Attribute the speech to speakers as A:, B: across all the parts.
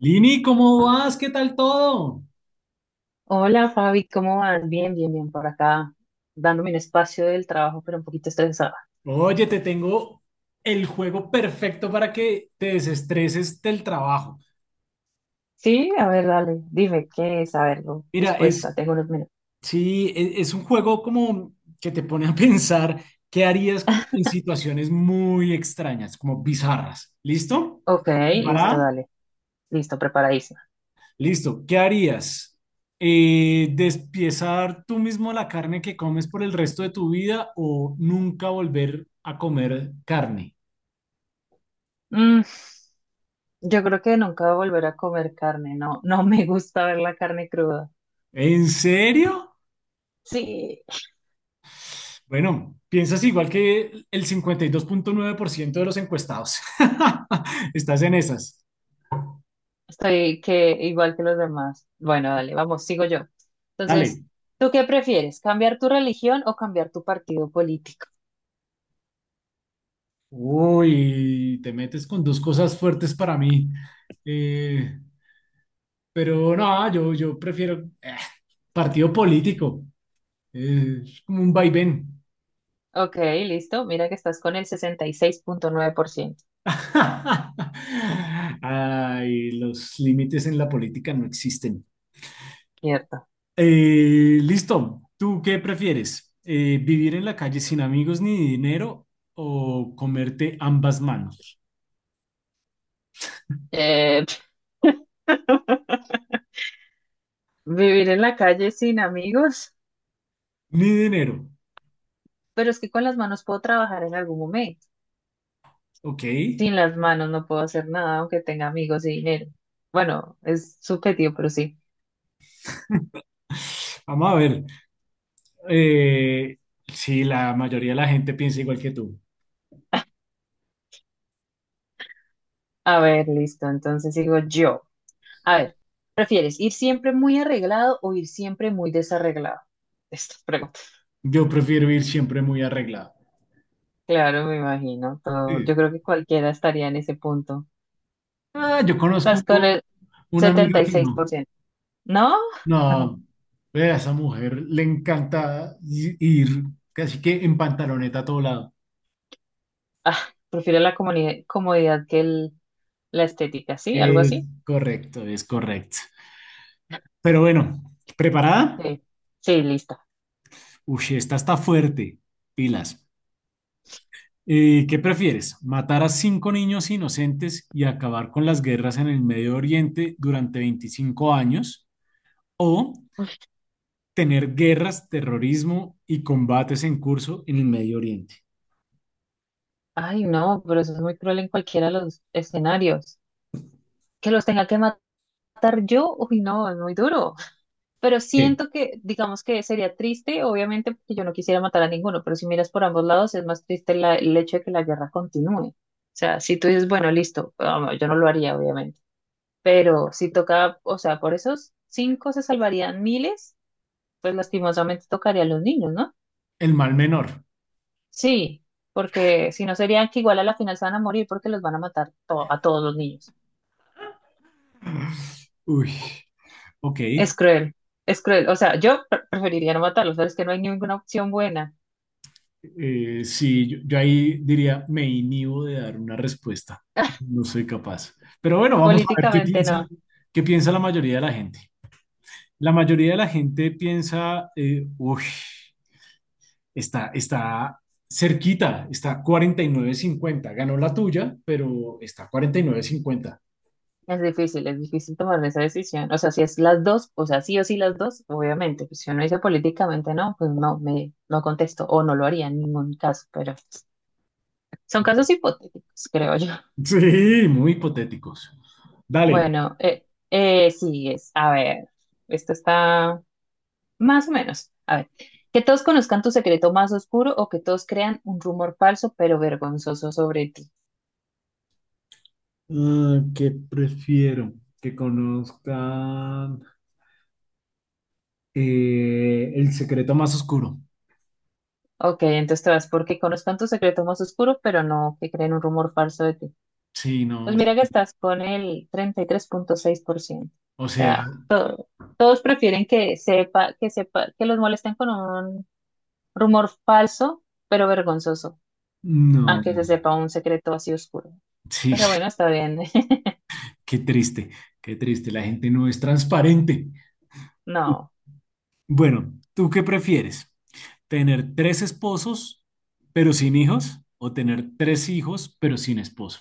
A: Lini, ¿cómo vas? ¿Qué tal todo?
B: Hola Fabi, ¿cómo vas? Bien, bien, bien, por acá, dándome un espacio del trabajo, pero un poquito estresada.
A: Oye, te tengo el juego perfecto para que te desestreses del trabajo.
B: Sí, a ver, dale, dime qué es, a ver, no,
A: Mira,
B: dispuesta,
A: es,
B: tengo unos minutos.
A: sí, es un juego como que te pone a pensar qué harías como en situaciones muy extrañas, como bizarras. ¿Listo?
B: Ok, listo,
A: ¿Preparada?
B: dale, listo, preparadísima.
A: Listo. ¿Qué harías? ¿Despiezar tú mismo la carne que comes por el resto de tu vida o nunca volver a comer carne?
B: Mm, yo creo que nunca voy a volver a comer carne, no, no me gusta ver la carne cruda.
A: ¿En serio?
B: Sí,
A: Bueno, piensas igual que el 52.9% de los encuestados. Estás en esas.
B: estoy que igual que los demás. Bueno, dale, vamos, sigo yo. Entonces,
A: Dale.
B: ¿tú qué prefieres, cambiar tu religión o cambiar tu partido político?
A: Uy, te metes con dos cosas fuertes para mí. Eh, pero no, yo prefiero partido político. Es como un vaivén.
B: Ok, listo. Mira que estás con el 66.9%.
A: Ay, los límites en la política no existen.
B: Cierto.
A: Listo. ¿Tú qué prefieres? ¿Vivir en la calle sin amigos ni dinero o comerte ambas manos?
B: Eh, Vivir en la calle sin amigos,
A: Ni dinero.
B: pero es que con las manos puedo trabajar en algún momento.
A: Ok.
B: Sin las manos no puedo hacer nada, aunque tenga amigos y dinero. Bueno, es subjetivo, pero sí.
A: Vamos a ver. Eh, sí, la mayoría de la gente piensa igual que tú.
B: A ver, listo. Entonces digo yo. A ver, ¿prefieres ir siempre muy arreglado o ir siempre muy desarreglado? Esta pregunta.
A: Yo prefiero ir siempre muy arreglado.
B: Claro, me imagino. Todo,
A: Sí.
B: yo creo que cualquiera estaría en ese punto.
A: Ah, yo
B: Estás
A: conozco
B: con
A: una
B: setenta
A: amiga
B: y
A: que
B: seis por
A: no.
B: ciento ¿No? Ajá.
A: No, ve, a esa mujer le encanta ir casi que en pantaloneta a todo lado.
B: Ah, prefiero la comodidad comodidad que la estética, ¿sí? ¿Algo
A: Es
B: así?
A: correcto, es correcto. Pero bueno, ¿preparada?
B: Sí. Sí, lista.
A: Uy, esta está fuerte. Pilas. ¿Qué prefieres? ¿Matar a cinco niños inocentes y acabar con las guerras en el Medio Oriente durante 25 años? ¿O tener guerras, terrorismo y combates en curso en el Medio Oriente?
B: Ay, no, pero eso es muy cruel en cualquiera de los escenarios. Que los tenga que matar yo, uy, no, es muy duro. Pero
A: Eh,
B: siento que, digamos que sería triste, obviamente, porque yo no quisiera matar a ninguno, pero si miras por ambos lados, es más triste el hecho de que la guerra continúe. O sea, si tú dices, bueno, listo, ah, no, yo no lo haría, obviamente. Pero si toca, o sea, por esos cinco se salvarían miles, pues lastimosamente tocaría a los niños, ¿no?
A: el mal menor.
B: Sí, porque si no serían que igual a la final se van a morir porque los van a matar a todos los niños.
A: Uy, ok.
B: Es cruel, es cruel. O sea, yo preferiría no matarlos, pero es que no hay ninguna opción buena.
A: Sí, yo ahí diría, me inhibo de dar una respuesta. No soy capaz. Pero bueno, vamos a ver
B: Políticamente no,
A: qué piensa la mayoría de la gente. La mayoría de la gente piensa, uy, está cerquita, está 49-50. Ganó la tuya, pero está 49-50.
B: es difícil tomar esa decisión. O sea, si es las dos, o sea, sí o sí las dos, obviamente. Pues si uno dice políticamente no, pues no, me, no contesto o no lo haría en ningún caso, pero son casos hipotéticos, creo yo.
A: Sí, muy hipotéticos. Dale.
B: Bueno, sigues. A ver, esto está más o menos. A ver, que todos conozcan tu secreto más oscuro o que todos crean un rumor falso pero vergonzoso sobre ti.
A: Ah, ¿qué prefiero? Que conozcan el secreto más oscuro.
B: Ok, entonces te vas porque conozcan tu secreto más oscuro, pero no que creen un rumor falso de ti.
A: Sí, no,
B: Pues mira que estás con el 33.6%.
A: o
B: O
A: sea,
B: sea, todos prefieren que sepa, que los molesten con un rumor falso pero vergonzoso, a
A: no.
B: que se sepa un secreto así oscuro.
A: Sí,
B: Pero bueno, está bien.
A: qué triste, qué triste. La gente no es transparente.
B: No.
A: Bueno, ¿tú qué prefieres? ¿Tener tres esposos pero sin hijos o tener tres hijos pero sin esposo?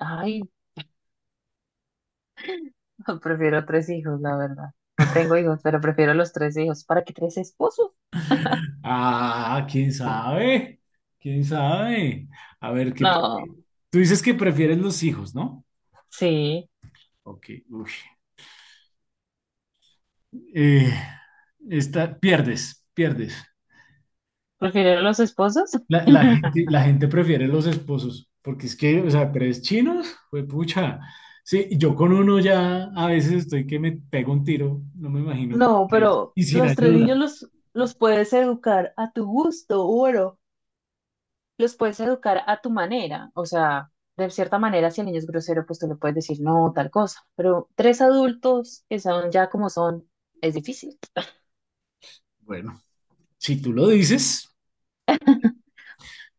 B: Ay, no, prefiero tres hijos, la verdad. No tengo hijos, pero prefiero los tres hijos. ¿Para qué tres esposos?
A: Ah, quién sabe, quién sabe. A ver, ¿qué?
B: No.
A: Tú dices que prefieres los hijos, ¿no?
B: Sí.
A: Ok, uy. Eh, esta, pierdes, pierdes.
B: ¿Prefiero los esposos?
A: La gente prefiere los esposos, porque es que, o sea, tres chinos, pues pucha. Sí, yo con uno ya a veces estoy que me pego un tiro, no me imagino con
B: No,
A: tres,
B: pero
A: y sin
B: los tres niños
A: ayuda.
B: los, puedes educar a tu gusto, bueno. Los puedes educar a tu manera. O sea, de cierta manera, si el niño es grosero, pues tú le puedes decir no, tal cosa. Pero tres adultos que son ya como son, es difícil.
A: Bueno, si tú lo dices,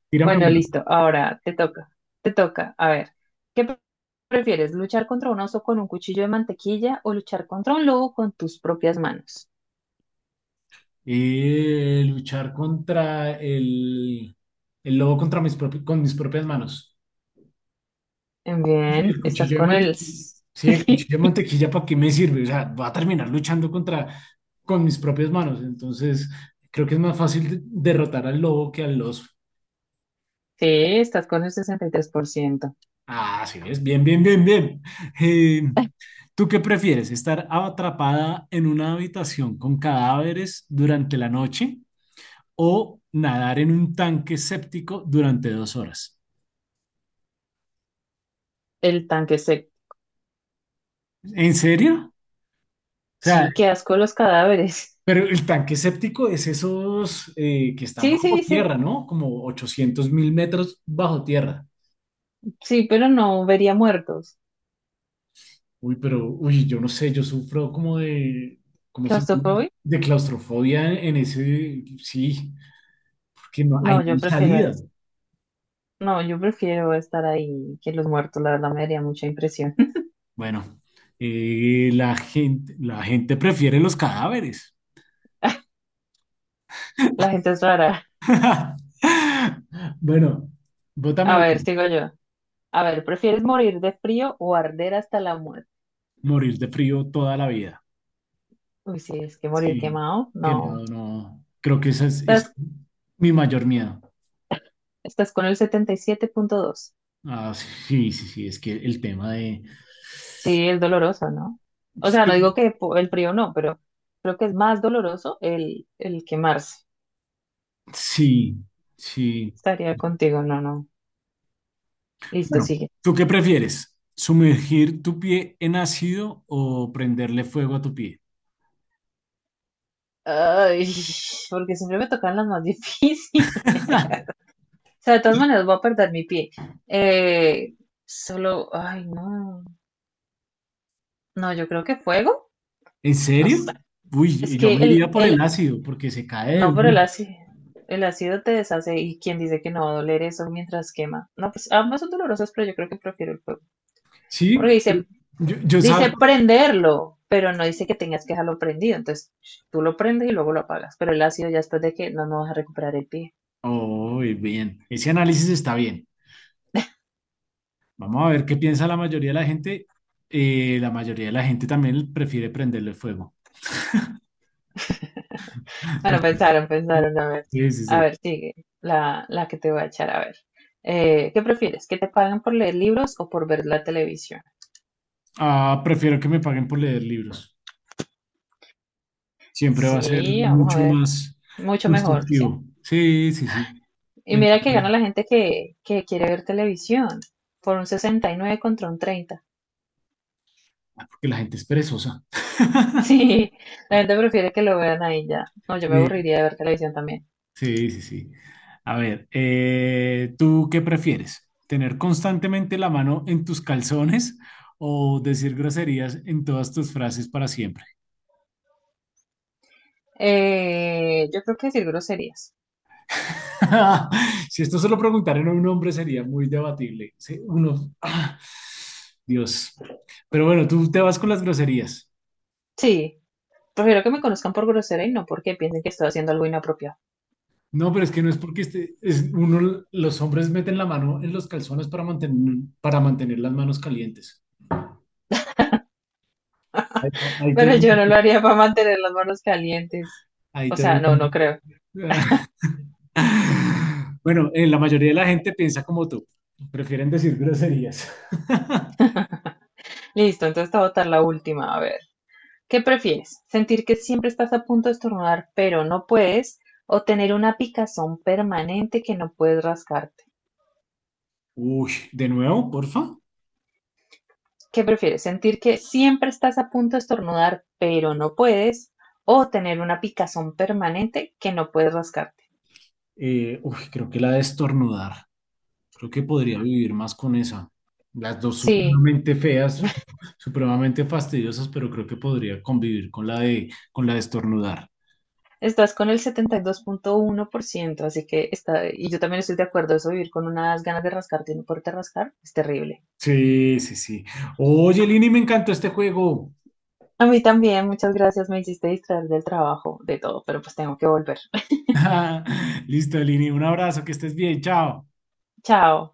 A: tírame
B: Bueno,
A: una.
B: listo. Ahora te toca. Te toca. A ver, ¿qué prefieres? ¿Luchar contra un oso con un cuchillo de mantequilla o luchar contra un lobo con tus propias manos?
A: Luchar contra el lobo contra con mis propias manos. Sí,
B: Bien.
A: el cuchillo de mantequilla. Sí, el cuchillo
B: Sí,
A: de mantequilla, ¿para qué me sirve? O sea, va a terminar luchando contra, con mis propias manos. Entonces, creo que es más fácil derrotar al lobo que al oso.
B: estás con el 63%.
A: Ah, sí, es bien, bien, bien, bien. Eh, ¿Tú qué prefieres? ¿Estar atrapada en una habitación con cadáveres durante la noche o nadar en un tanque séptico durante 2 horas?
B: El tanque se...
A: ¿En serio? O sea,
B: Sí, qué asco los cadáveres.
A: pero el tanque séptico es esos que están
B: Sí,
A: bajo
B: sí, sí.
A: tierra, ¿no? Como 800.000 metros bajo tierra.
B: Sí, pero no vería muertos.
A: Uy, pero, uy, yo no sé, yo sufro como de, ¿cómo se llama?
B: ¿Claustrofobia?
A: De claustrofobia en ese, sí, porque no
B: No,
A: hay
B: yo
A: ni
B: prefiero
A: salida.
B: eso. No, yo prefiero estar ahí que los muertos. La verdad me daría mucha impresión.
A: Bueno, la gente prefiere los cadáveres.
B: La gente es rara.
A: Bueno,
B: A
A: bótame
B: ver,
A: uno.
B: sigo yo. A ver, ¿prefieres morir de frío o arder hasta la muerte?
A: Morir de frío toda la vida.
B: Uy, sí, es que morir
A: Sí,
B: quemado,
A: qué
B: no.
A: miedo, no. Creo que ese es
B: Estás,
A: mi mayor miedo.
B: estás con el 77.2.
A: Ah, sí, sí, sí, es que el tema de...
B: Sí, es doloroso, ¿no? O sea, no digo
A: Sí,
B: que el frío no, pero creo que es más doloroso el quemarse.
A: sí, sí.
B: Estaría contigo, no, no. Listo,
A: Bueno,
B: sigue.
A: ¿tú qué prefieres? ¿Sumergir tu pie en ácido o prenderle fuego a tu pie?
B: Ay, porque siempre me tocan las más difíciles. O sea, de todas maneras voy a perder mi pie. Eh, Solo, ay, no. No, yo creo que fuego.
A: ¿En
B: No sé.
A: serio?
B: Es
A: Uy, yo
B: que
A: me iría por
B: el
A: el ácido porque se cae de
B: No, pero el
A: una.
B: ácido, el ácido te deshace y quien dice que no va a doler eso mientras quema. No, pues ambas son dolorosas, pero yo creo que prefiero el fuego.
A: Sí,
B: Porque dice,
A: pero yo sabes.
B: dice prenderlo, pero no dice que tengas que dejarlo prendido. Entonces tú lo prendes y luego lo apagas. Pero el ácido ya después de que no, no vas a recuperar el pie.
A: Oh, bien. Ese análisis está bien. Vamos a ver qué piensa la mayoría de la gente. La mayoría de la gente también prefiere prenderle fuego.
B: Bueno, pensaron, pensaron, a ver.
A: Sí, sí,
B: A
A: sí.
B: ver, sigue la que te voy a echar, a ver. ¿Qué prefieres? ¿Que te paguen por leer libros o por ver la televisión?
A: Ah, prefiero que me paguen por leer libros. Siempre va a ser
B: Sí, vamos a
A: mucho
B: ver.
A: más
B: Mucho mejor, ¿sí?
A: constructivo. Sí, sí, sí.
B: Y
A: Me
B: mira
A: encanta
B: que gana
A: leer.
B: la gente que quiere ver televisión por un 69 contra un 30.
A: Ah, porque la gente es perezosa.
B: Sí, la gente prefiere que lo vean ahí ya. No, yo me
A: Sí,
B: aburriría de ver televisión también.
A: sí, sí, sí. A ver, ¿tú qué prefieres? ¿Tener constantemente la mano en tus calzones o decir groserías en todas tus frases para siempre?
B: Yo creo que decir groserías.
A: Si esto se lo preguntaran a un hombre sería muy debatible. Sí, uno, ah, Dios. Pero bueno, tú te vas con las groserías.
B: Sí, prefiero que me conozcan por grosera y no porque piensen que estoy haciendo algo inapropiado.
A: No, pero es que no es porque este, es uno, los hombres meten la mano en los calzones para para mantener las manos calientes. Ahí,
B: Pero yo no lo haría para mantener las manos calientes.
A: ahí
B: O
A: te- ahí
B: sea, no, no
A: te-
B: creo.
A: Bueno, la mayoría de la gente piensa como tú. Prefieren decir groserías.
B: Listo, entonces te voy a votar la última. A ver. ¿Qué prefieres, sentir que siempre estás a punto de estornudar pero no puedes o tener una picazón permanente que no puedes rascarte?
A: Uy, de nuevo, porfa.
B: ¿Qué prefieres, sentir que siempre estás a punto de estornudar pero no puedes o tener una picazón permanente que no puedes rascarte?
A: Creo que la de estornudar. Creo que podría vivir más con esa. Las dos
B: Sí,
A: supremamente feas, supremamente fastidiosas, pero creo que podría convivir con con la de estornudar.
B: estás con el 72.1%, así que está, y yo también estoy de acuerdo, eso vivir con unas ganas de rascarte y no poderte rascar es terrible.
A: Sí, sí, sí. Oye, Lini, me encantó este juego.
B: A mí también, muchas gracias, me hiciste distraer del trabajo, de todo, pero pues tengo que volver.
A: Listo, Lini, un abrazo, que estés bien, chao.
B: Chao.